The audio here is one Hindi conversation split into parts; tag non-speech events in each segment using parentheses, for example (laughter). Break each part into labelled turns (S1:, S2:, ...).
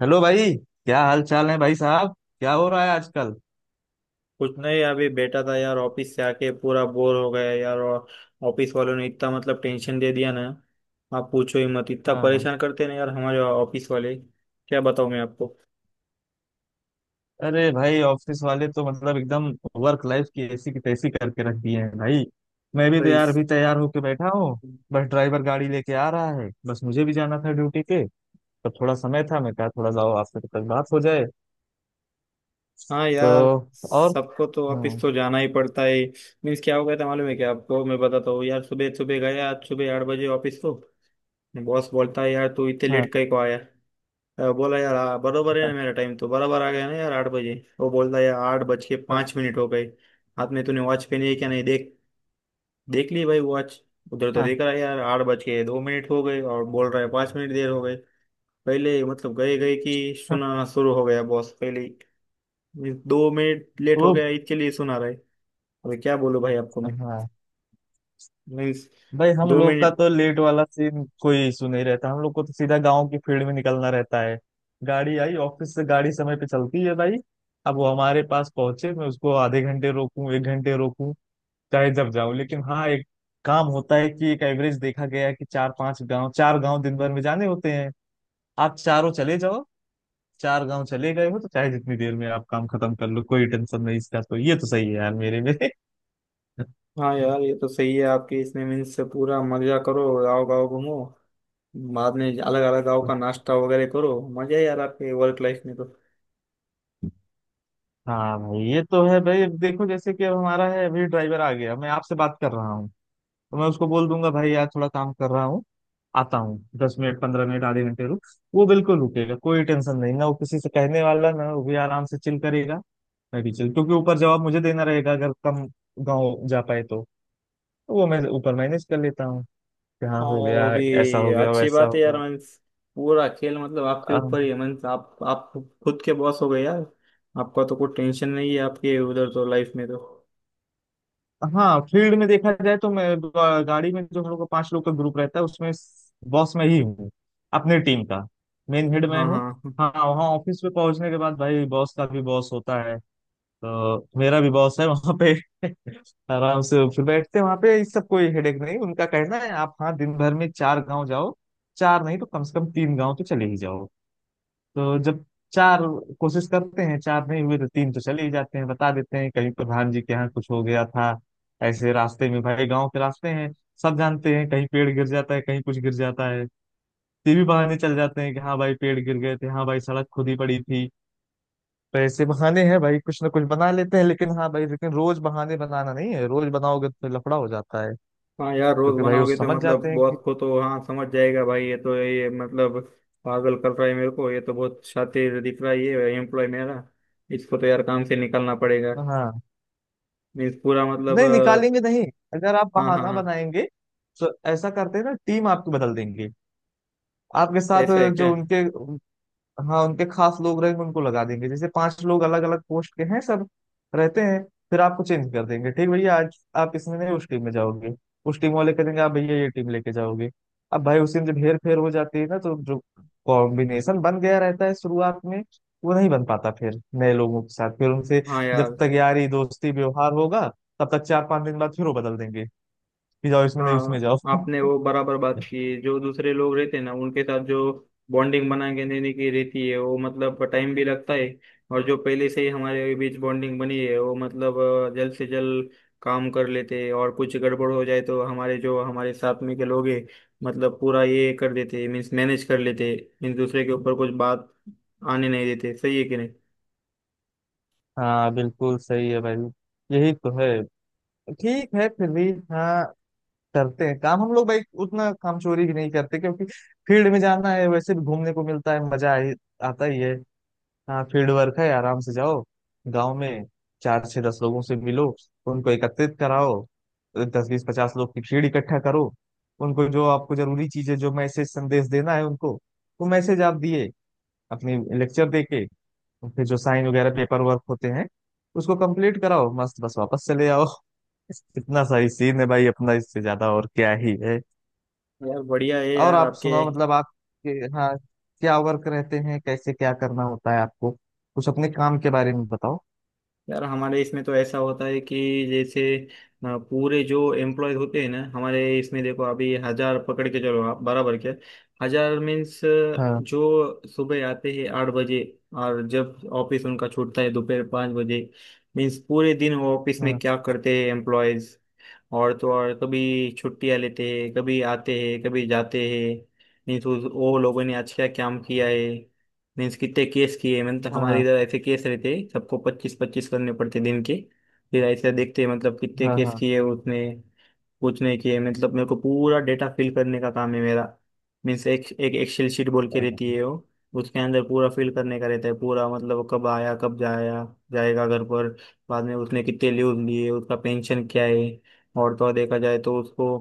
S1: हेलो भाई, क्या हाल चाल है भाई साहब? क्या हो रहा है आजकल?
S2: कुछ नहीं, अभी बैठा था यार, ऑफिस से आके पूरा बोर हो गया यार। और ऑफिस वालों ने इतना मतलब टेंशन दे दिया ना, आप पूछो ही मत, इतना
S1: हाँ।
S2: परेशान करते हैं ना यार हमारे ऑफिस वाले। क्या बताऊं मैं आपको।
S1: अरे भाई, ऑफिस वाले तो मतलब एकदम वर्क लाइफ की ऐसी की तैसी करके रख दिए हैं भाई। मैं भी
S2: तो
S1: तो यार
S2: इस
S1: अभी तैयार होके बैठा हूँ। बस ड्राइवर गाड़ी लेके आ रहा है, बस मुझे भी जाना था ड्यूटी पे। तो थोड़ा समय था, मैं कहा थोड़ा जाओ आपसे तक बात हो जाए।
S2: हाँ
S1: तो।
S2: यार,
S1: और।
S2: सबको तो ऑफिस
S1: हाँ।
S2: तो जाना ही पड़ता है। मीन्स क्या हो गया था मालूम है क्या आपको? मैं बताता हूँ यार। सुबह सुबह गया आज, सुबह 8 बजे ऑफिस को। बॉस बोलता है, यार तू इतने
S1: हाँ।
S2: लेट कहीं को आया? बोला यार, बरोबर है
S1: हाँ।
S2: ना, मेरा टाइम तो बराबर आ गया ना यार, 8 बजे। वो बोलता है यार, आठ बज के
S1: हाँ।
S2: पाँच मिनट हो गए। हाथ में तूने वॉच पहनी है क्या, नहीं देख? देख ली भाई वॉच। उधर तो
S1: हाँ,
S2: देख रहा है यार, 8 बज के 2 मिनट हो गए और बोल रहा है 5 मिनट देर हो गए। पहले मतलब गए गए कि
S1: हाँ,
S2: सुना शुरू हो गया बॉस पहले ही। 2 मिनट लेट हो
S1: वो।
S2: गया इसके लिए सुना रहा है। अरे क्या बोलूं भाई आपको मैं।
S1: हाँ
S2: मीन्स
S1: भाई, हम
S2: दो
S1: लोग का
S2: मिनट
S1: तो लेट वाला सीन कोई इशू नहीं रहता, हम लोग को तो सीधा गांव की फील्ड में निकलना रहता है। गाड़ी आई ऑफिस से, गाड़ी समय पे चलती है भाई। अब वो हमारे पास पहुंचे, मैं उसको आधे घंटे रोकूं एक घंटे रोकूं, चाहे जब जाऊं। लेकिन हाँ, एक काम होता है कि एक एवरेज देखा गया है कि चार पांच गांव, चार गांव दिन भर में जाने होते हैं। आप चारों चले जाओ, चार गांव चले गए हो तो चाहे जितनी देर में आप काम खत्म कर लो, कोई टेंशन नहीं इसका। तो ये तो सही है यार मेरे में (laughs)
S2: हाँ यार, ये तो सही है आपकी। इसने मीन्स से पूरा मजा करो, गाँव गाँव घूमो, बाद में अलग अलग गाँव का नाश्ता वगैरह करो, मजा है यार आपके वर्क लाइफ में तो।
S1: हाँ भाई, ये तो है भाई। अब देखो जैसे कि अब हमारा है, अभी ड्राइवर आ गया, मैं आपसे बात कर रहा हूँ। तो मैं उसको बोल दूंगा भाई, यार थोड़ा काम कर रहा हूँ, आता हूँ, 10 मिनट 15 मिनट आधे घंटे रुक। वो बिल्कुल रुकेगा, कोई टेंशन नहीं ना, वो किसी से कहने वाला ना, वो भी आराम से चिल करेगा, मैं भी चिल। क्योंकि ऊपर जवाब मुझे देना रहेगा अगर कम गाँव जा पाए तो। तो वो मैं ऊपर मैनेज कर लेता हूँ कि हाँ
S2: हाँ
S1: हो
S2: यार, वो
S1: गया,
S2: भी
S1: ऐसा हो गया,
S2: अच्छी
S1: वैसा
S2: बात है यार।
S1: हो
S2: मीन्स पूरा खेल मतलब आपके
S1: गया।
S2: ऊपर ही है। मीन्स आप खुद के बॉस हो गए यार, आपका तो कोई टेंशन नहीं है आपके उधर तो, लाइफ में तो।
S1: हाँ फील्ड में देखा जाए तो मैं गाड़ी में, जो हम लोग का पांच लोग का ग्रुप रहता है उसमें बॉस मैं ही हूँ, अपनी टीम का मेन हेड मैं
S2: हाँ
S1: हूँ।
S2: हाँ हाँ।
S1: हाँ वहाँ ऑफिस में पहुंचने के बाद भाई बॉस का भी बॉस होता है, तो मेरा भी बॉस है वहाँ पे (laughs) आराम से फिर बैठते हैं वहाँ पे, इस सब कोई हेडेक नहीं। उनका कहना है आप हाँ दिन भर में चार गांव जाओ, चार नहीं तो कम से कम तीन गांव तो चले ही जाओ। तो जब चार कोशिश करते हैं, चार नहीं हुए तो तीन तो चले ही जाते हैं। बता देते हैं कहीं प्रधान जी के यहाँ कुछ हो गया था, ऐसे रास्ते में भाई, गांव के रास्ते हैं, सब जानते हैं, कहीं पेड़ गिर जाता है, कहीं कुछ गिर जाता है। तो ये भी बहाने चल जाते हैं कि हाँ भाई पेड़ गिर गए थे, हाँ भाई सड़क खुदी पड़ी थी। तो ऐसे बहाने हैं भाई, कुछ ना कुछ बना लेते हैं। लेकिन हाँ भाई, लेकिन रोज बहाने बनाना नहीं है, रोज बनाओगे तो लफड़ा हो जाता है।
S2: हाँ यार, रोज
S1: क्योंकि भाई वो
S2: बनाओगे तो
S1: समझ
S2: मतलब
S1: जाते हैं कि।
S2: बॉस को तो हाँ समझ जाएगा भाई, ये तो ये मतलब पागल कर रहा है मेरे को, ये तो बहुत शातिर दिख रहा है ये एम्प्लॉय मेरा, इसको तो यार काम से निकालना पड़ेगा।
S1: हाँ।
S2: मीन्स पूरा मतलब
S1: नहीं, निकालेंगे नहीं। अगर आप
S2: हाँ हाँ
S1: बहाना
S2: हाँ।
S1: बनाएंगे तो ऐसा करते हैं ना, टीम आपको बदल देंगे। आपके साथ
S2: ऐसा है
S1: जो
S2: क्या?
S1: उनके। हाँ, उनके खास लोग रहेंगे उनको लगा देंगे, जैसे पांच लोग अलग अलग पोस्ट के हैं सब रहते हैं। फिर आपको चेंज कर देंगे, ठीक भैया आज आप इसमें नहीं उस टीम में जाओगे, उस टीम वाले कहेंगे आप भैया ये टीम लेके जाओगे। अब भाई उसी में जब हेर फेर हो जाती है ना, तो जो कॉम्बिनेशन बन गया रहता है शुरुआत में वो नहीं बन पाता, फिर नए लोगों के साथ फिर उनसे
S2: हाँ
S1: जब
S2: यार।
S1: तक यारी दोस्ती व्यवहार होगा, तब तक 4 5 दिन बाद फिर वो बदल देंगे कि जाओ इसमें नहीं उसमें
S2: हाँ
S1: जाओ
S2: आपने
S1: (laughs)
S2: वो बराबर बात की है। जो दूसरे लोग रहते हैं ना, उनके साथ जो बॉन्डिंग बना के देने की रहती है, वो मतलब टाइम भी लगता है। और जो पहले से ही हमारे बीच बॉन्डिंग बनी है, वो मतलब जल्द से जल्द काम कर लेते हैं। और कुछ गड़बड़ हो जाए तो हमारे जो हमारे साथ में के लोग हैं, मतलब पूरा ये कर देते हैं, मीन्स मैनेज कर लेते हैं। मीन्स दूसरे के ऊपर कुछ बात आने नहीं देते। सही है कि नहीं?
S1: हाँ बिल्कुल सही है भाई, यही तो है। ठीक है फिर भी हाँ, करते हैं काम हम लोग भाई, उतना काम चोरी भी नहीं करते क्योंकि फील्ड में जाना है, वैसे भी घूमने को मिलता है, मजा आता ही है। हाँ फील्ड वर्क है, आराम से जाओ गांव में, चार छह दस लोगों से मिलो, उनको एकत्रित कराओ, 10 20 50 लोग की भीड़ इकट्ठा करो, उनको जो आपको जरूरी चीजें जो मैसेज संदेश देना है उनको, वो मैसेज आप दिए अपनी लेक्चर देके, तो फिर जो साइन वगैरह पेपर वर्क होते हैं उसको कंप्लीट कराओ, मस्त बस वापस चले आओ (laughs) इतना सही सीन है भाई अपना, इससे ज्यादा और क्या ही है।
S2: यार बढ़िया है
S1: और
S2: यार
S1: आप
S2: आपके।
S1: सुनाओ, मतलब आपके। हाँ, क्या वर्क रहते हैं, कैसे क्या करना होता है आपको, कुछ अपने काम के बारे में बताओ।
S2: यार हमारे इसमें तो ऐसा होता है कि, जैसे पूरे जो एम्प्लॉय होते हैं ना हमारे इसमें, देखो अभी 1000 पकड़ के चलो आप, बराबर? क्या 1000 मीन्स,
S1: हाँ।
S2: जो सुबह आते हैं 8 बजे और जब ऑफिस उनका छूटता है दोपहर 5 बजे, मीन्स पूरे दिन वो ऑफिस में
S1: हाँ।
S2: क्या करते हैं एम्प्लॉयज। और तो और, कभी छुट्टियां लेते हैं, कभी आते हैं, कभी जाते हैं। मीन्स वो लोगों ने आज क्या काम किया है, मीन्स कितने केस किए हैं, मतलब हमारे
S1: हाँ।
S2: इधर ऐसे केस रहते हैं सबको 25-25 करने पड़ते दिन के। फिर ऐसे देखते हैं मतलब कितने
S1: हाँ।
S2: केस
S1: हाँ।
S2: किए उसने, कुछ नहीं किए। मतलब मेरे को पूरा डेटा फिल करने का काम है मेरा। मीन्स एक एक एक्सेल शीट बोल के रहती है वो, उसके अंदर पूरा फिल करने का रहता है पूरा, मतलब वो कब आया, कब जाया जाएगा घर पर, बाद में उसने कितने लीव लिए, उसका पेंशन क्या है, और तो और देखा जाए तो उसको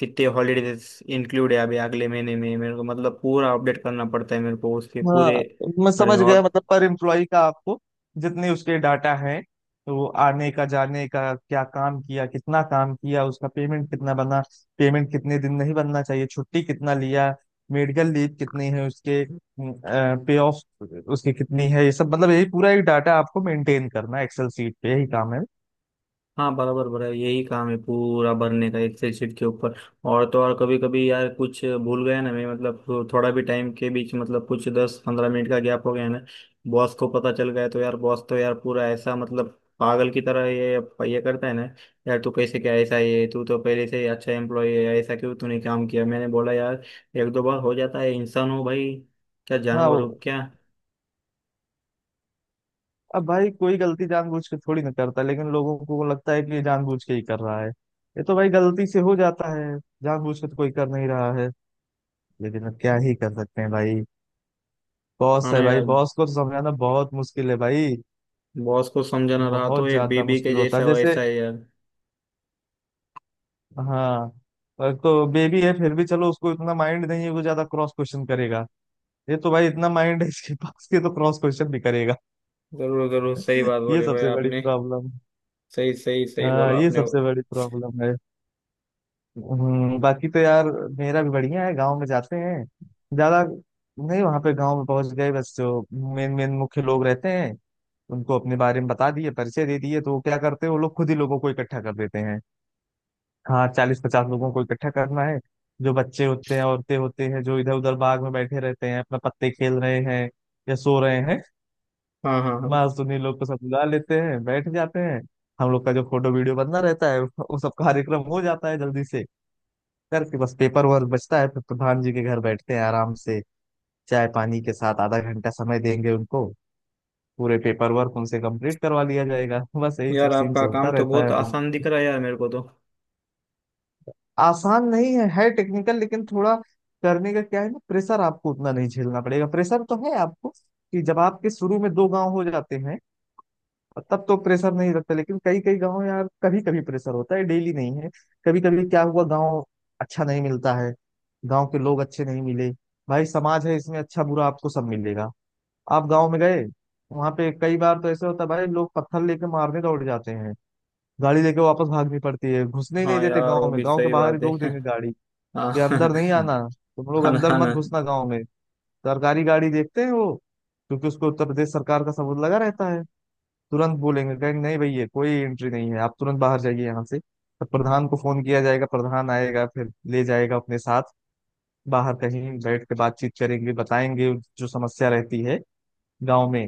S2: कितने हॉलीडेज इंक्लूड है अभी अगले महीने में, मेरे को मतलब पूरा अपडेट करना पड़ता है मेरे को उसके
S1: हाँ।
S2: पूरे
S1: मैं
S2: बारे में।
S1: समझ गया,
S2: और
S1: मतलब पर एम्प्लॉय का आपको जितने उसके डाटा है, वो आने का जाने का, क्या काम किया, कितना काम किया, उसका पेमेंट कितना बना, पेमेंट कितने दिन नहीं बनना चाहिए, छुट्टी कितना लिया, मेडिकल लीव कितनी है उसके, पे ऑफ उसकी कितनी है, ये सब मतलब यही पूरा एक डाटा आपको मेंटेन करना है एक्सेल सीट पे, यही काम है।
S2: हाँ बराबर बराबर, यही काम है पूरा भरने का एक्सेल शीट के ऊपर। और तो और, कभी कभी यार कुछ भूल गया ना मैं, मतलब थोड़ा भी टाइम के बीच, मतलब कुछ 10-15 मिनट का गैप हो गया ना, बॉस को पता चल गया तो यार बॉस तो यार पूरा ऐसा मतलब पागल की तरह ये करता है ना। यार तू कैसे क्या ऐसा ये, तू तो पहले से ही अच्छा एम्प्लॉय है, ऐसा क्यों तूने काम किया? मैंने बोला यार, एक दो बार हो जाता है, इंसान हो भाई, क्या
S1: हाँ,
S2: जानवर हो क्या?
S1: अब भाई कोई गलती जानबूझ के थोड़ी ना करता, लेकिन लोगों को लगता है कि ये जानबूझ के ही कर रहा है। ये तो भाई गलती से हो जाता है, जानबूझ के तो कोई कर नहीं रहा है। लेकिन अब क्या ही कर सकते हैं भाई,
S2: हाँ
S1: बॉस है
S2: ना
S1: भाई,
S2: यार,
S1: बॉस को तो समझाना बहुत मुश्किल है भाई,
S2: बॉस को समझाना रहा तो
S1: बहुत
S2: एक
S1: ज्यादा
S2: बीबी के
S1: मुश्किल होता है।
S2: जैसा
S1: जैसे
S2: वैसा है यार।
S1: हाँ, पर तो बेबी है फिर भी चलो, उसको इतना माइंड नहीं है, वो ज्यादा क्रॉस क्वेश्चन करेगा। ये तो भाई इतना माइंड है इसके पास कि तो क्रॉस क्वेश्चन भी करेगा
S2: जरूर जरूर सही
S1: (laughs)
S2: बात
S1: ये
S2: बोली भाई
S1: सबसे बड़ी
S2: आपने।
S1: प्रॉब्लम।
S2: सही सही सही
S1: हाँ
S2: बोला
S1: ये
S2: आपने।
S1: सबसे बड़ी प्रॉब्लम है। बाकी तो यार मेरा भी बढ़िया है, गांव में जाते हैं ज्यादा नहीं, वहां पे गांव में पहुंच गए बस, जो मेन मेन मुख्य लोग रहते हैं उनको अपने बारे में बता दिए, परिचय दे दिए, तो वो क्या करते हैं वो लोग खुद ही लोगों को इकट्ठा कर देते हैं। हाँ 40 50 लोगों को इकट्ठा करना है, जो बच्चे होते हैं, औरतें होते हैं, जो इधर उधर बाग में बैठे रहते हैं, अपना पत्ते खेल रहे हैं या सो रहे हैं,
S2: हाँ हाँ हाँ।
S1: बस उन्हीं लोग को सब बुला लेते हैं, बैठ जाते हैं। हम लोग का जो फोटो वीडियो बनना रहता है, वो सब कार्यक्रम हो जाता है जल्दी से करके, बस पेपर वर्क बचता है, फिर प्रधान जी के घर बैठते हैं आराम से, चाय पानी के साथ आधा घंटा समय देंगे उनको, पूरे पेपर वर्क उनसे कंप्लीट करवा लिया जाएगा (laughs) बस यही सब
S2: यार
S1: सीन्स
S2: आपका काम
S1: होता
S2: तो
S1: रहता
S2: बहुत
S1: है अपन
S2: आसान
S1: को।
S2: दिख रहा है यार मेरे को तो।
S1: आसान नहीं है, है टेक्निकल लेकिन थोड़ा करने का। क्या है ना, प्रेशर आपको उतना नहीं झेलना पड़ेगा, प्रेशर तो है आपको कि जब आपके शुरू में दो गांव हो जाते हैं तब तो प्रेशर नहीं लगता, लेकिन कई कई गांव यार, कभी कभी प्रेशर होता है, डेली नहीं है। कभी कभी क्या हुआ, गांव अच्छा नहीं मिलता है, गांव के लोग अच्छे नहीं मिले। भाई समाज है, इसमें अच्छा बुरा आपको सब मिलेगा। आप गांव में गए, वहां पे कई बार तो ऐसे होता है भाई, लोग पत्थर लेके मारने दौड़ जाते हैं, गाड़ी लेके वापस भागनी पड़ती है, घुसने ही नहीं
S2: हाँ
S1: देते
S2: यार,
S1: गांव
S2: वो
S1: में,
S2: भी
S1: गांव के
S2: सही
S1: बाहर
S2: बात
S1: ही रोक
S2: है।
S1: देंगे गाड़ी
S2: (laughs) हाँ
S1: कि अंदर नहीं
S2: हाँ,
S1: आना, तुम लोग
S2: ना
S1: अंदर
S2: हाँ
S1: मत
S2: ना।
S1: घुसना गांव में। सरकारी गाड़ी देखते हैं वो, क्योंकि उसको उत्तर प्रदेश सरकार का सबूत लगा रहता है, तुरंत बोलेंगे, कहेंगे नहीं भैया कोई एंट्री नहीं है, आप तुरंत बाहर जाइए यहाँ से। तब प्रधान को फोन किया जाएगा, प्रधान आएगा फिर ले जाएगा अपने साथ, बाहर कहीं बैठ के बातचीत करेंगे, बताएंगे जो समस्या रहती है गाँव में।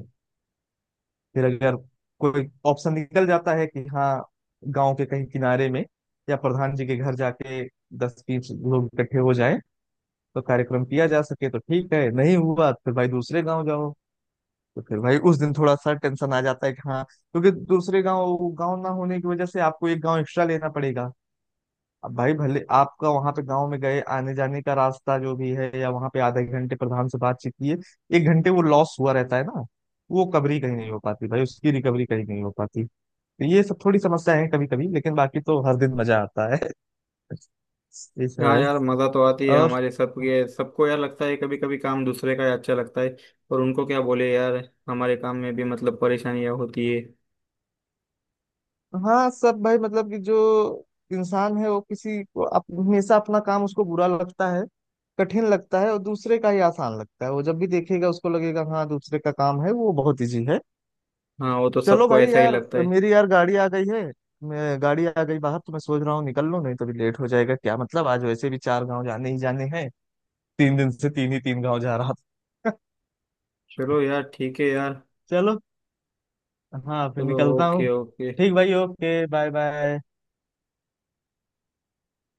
S1: फिर अगर कोई ऑप्शन निकल जाता है कि हाँ, गांव के कहीं किनारे में या प्रधान जी के घर जाके 10 20 लोग इकट्ठे हो जाएं तो कार्यक्रम किया जा सके तो ठीक है, नहीं हुआ तो फिर भाई दूसरे गांव जाओ। तो फिर भाई उस दिन थोड़ा सा टेंशन आ जाता है कि हाँ, क्योंकि दूसरे गांव, गांव ना होने की वजह से आपको एक गांव एक्स्ट्रा लेना पड़ेगा। अब भाई भले आपका वहां पे गांव में गए आने जाने का रास्ता जो भी है, या वहां पे आधे घंटे प्रधान से बातचीत किए, एक घंटे वो लॉस हुआ रहता है ना, वो कवरी कहीं नहीं हो पाती भाई, उसकी रिकवरी कहीं नहीं हो पाती। ये सब थोड़ी समस्या है कभी कभी, लेकिन बाकी तो हर दिन मजा आता है, ये सब
S2: हाँ
S1: है।
S2: यार मजा तो आती है
S1: और।
S2: हमारे सबके सबको यार, लगता है कभी कभी काम दूसरे का ही अच्छा लगता है। और उनको क्या बोले यार, हमारे काम में भी मतलब परेशानियां होती है।
S1: हाँ सब भाई, मतलब कि जो इंसान है वो किसी को हमेशा अपना काम उसको बुरा लगता है, कठिन लगता है, और दूसरे का ही आसान लगता है। वो जब भी देखेगा उसको लगेगा हाँ दूसरे का काम है वो बहुत इजी है।
S2: हाँ वो तो
S1: चलो
S2: सबको
S1: भाई
S2: ऐसा ही
S1: यार,
S2: लगता है।
S1: मेरी यार गाड़ी आ गई है, मैं गाड़ी आ गई बाहर, तो मैं सोच रहा हूँ निकल लूँ, नहीं तो भी लेट हो जाएगा क्या मतलब, आज वैसे भी चार गांव जाने ही जाने हैं, 3 दिन से तीन ही तीन गांव जा रहा था
S2: चलो
S1: (laughs)
S2: यार ठीक है यार।
S1: चलो। हाँ फिर
S2: चलो,
S1: निकलता
S2: ओके
S1: हूँ।
S2: ओके।
S1: ठीक भाई, ओके बाय बाय।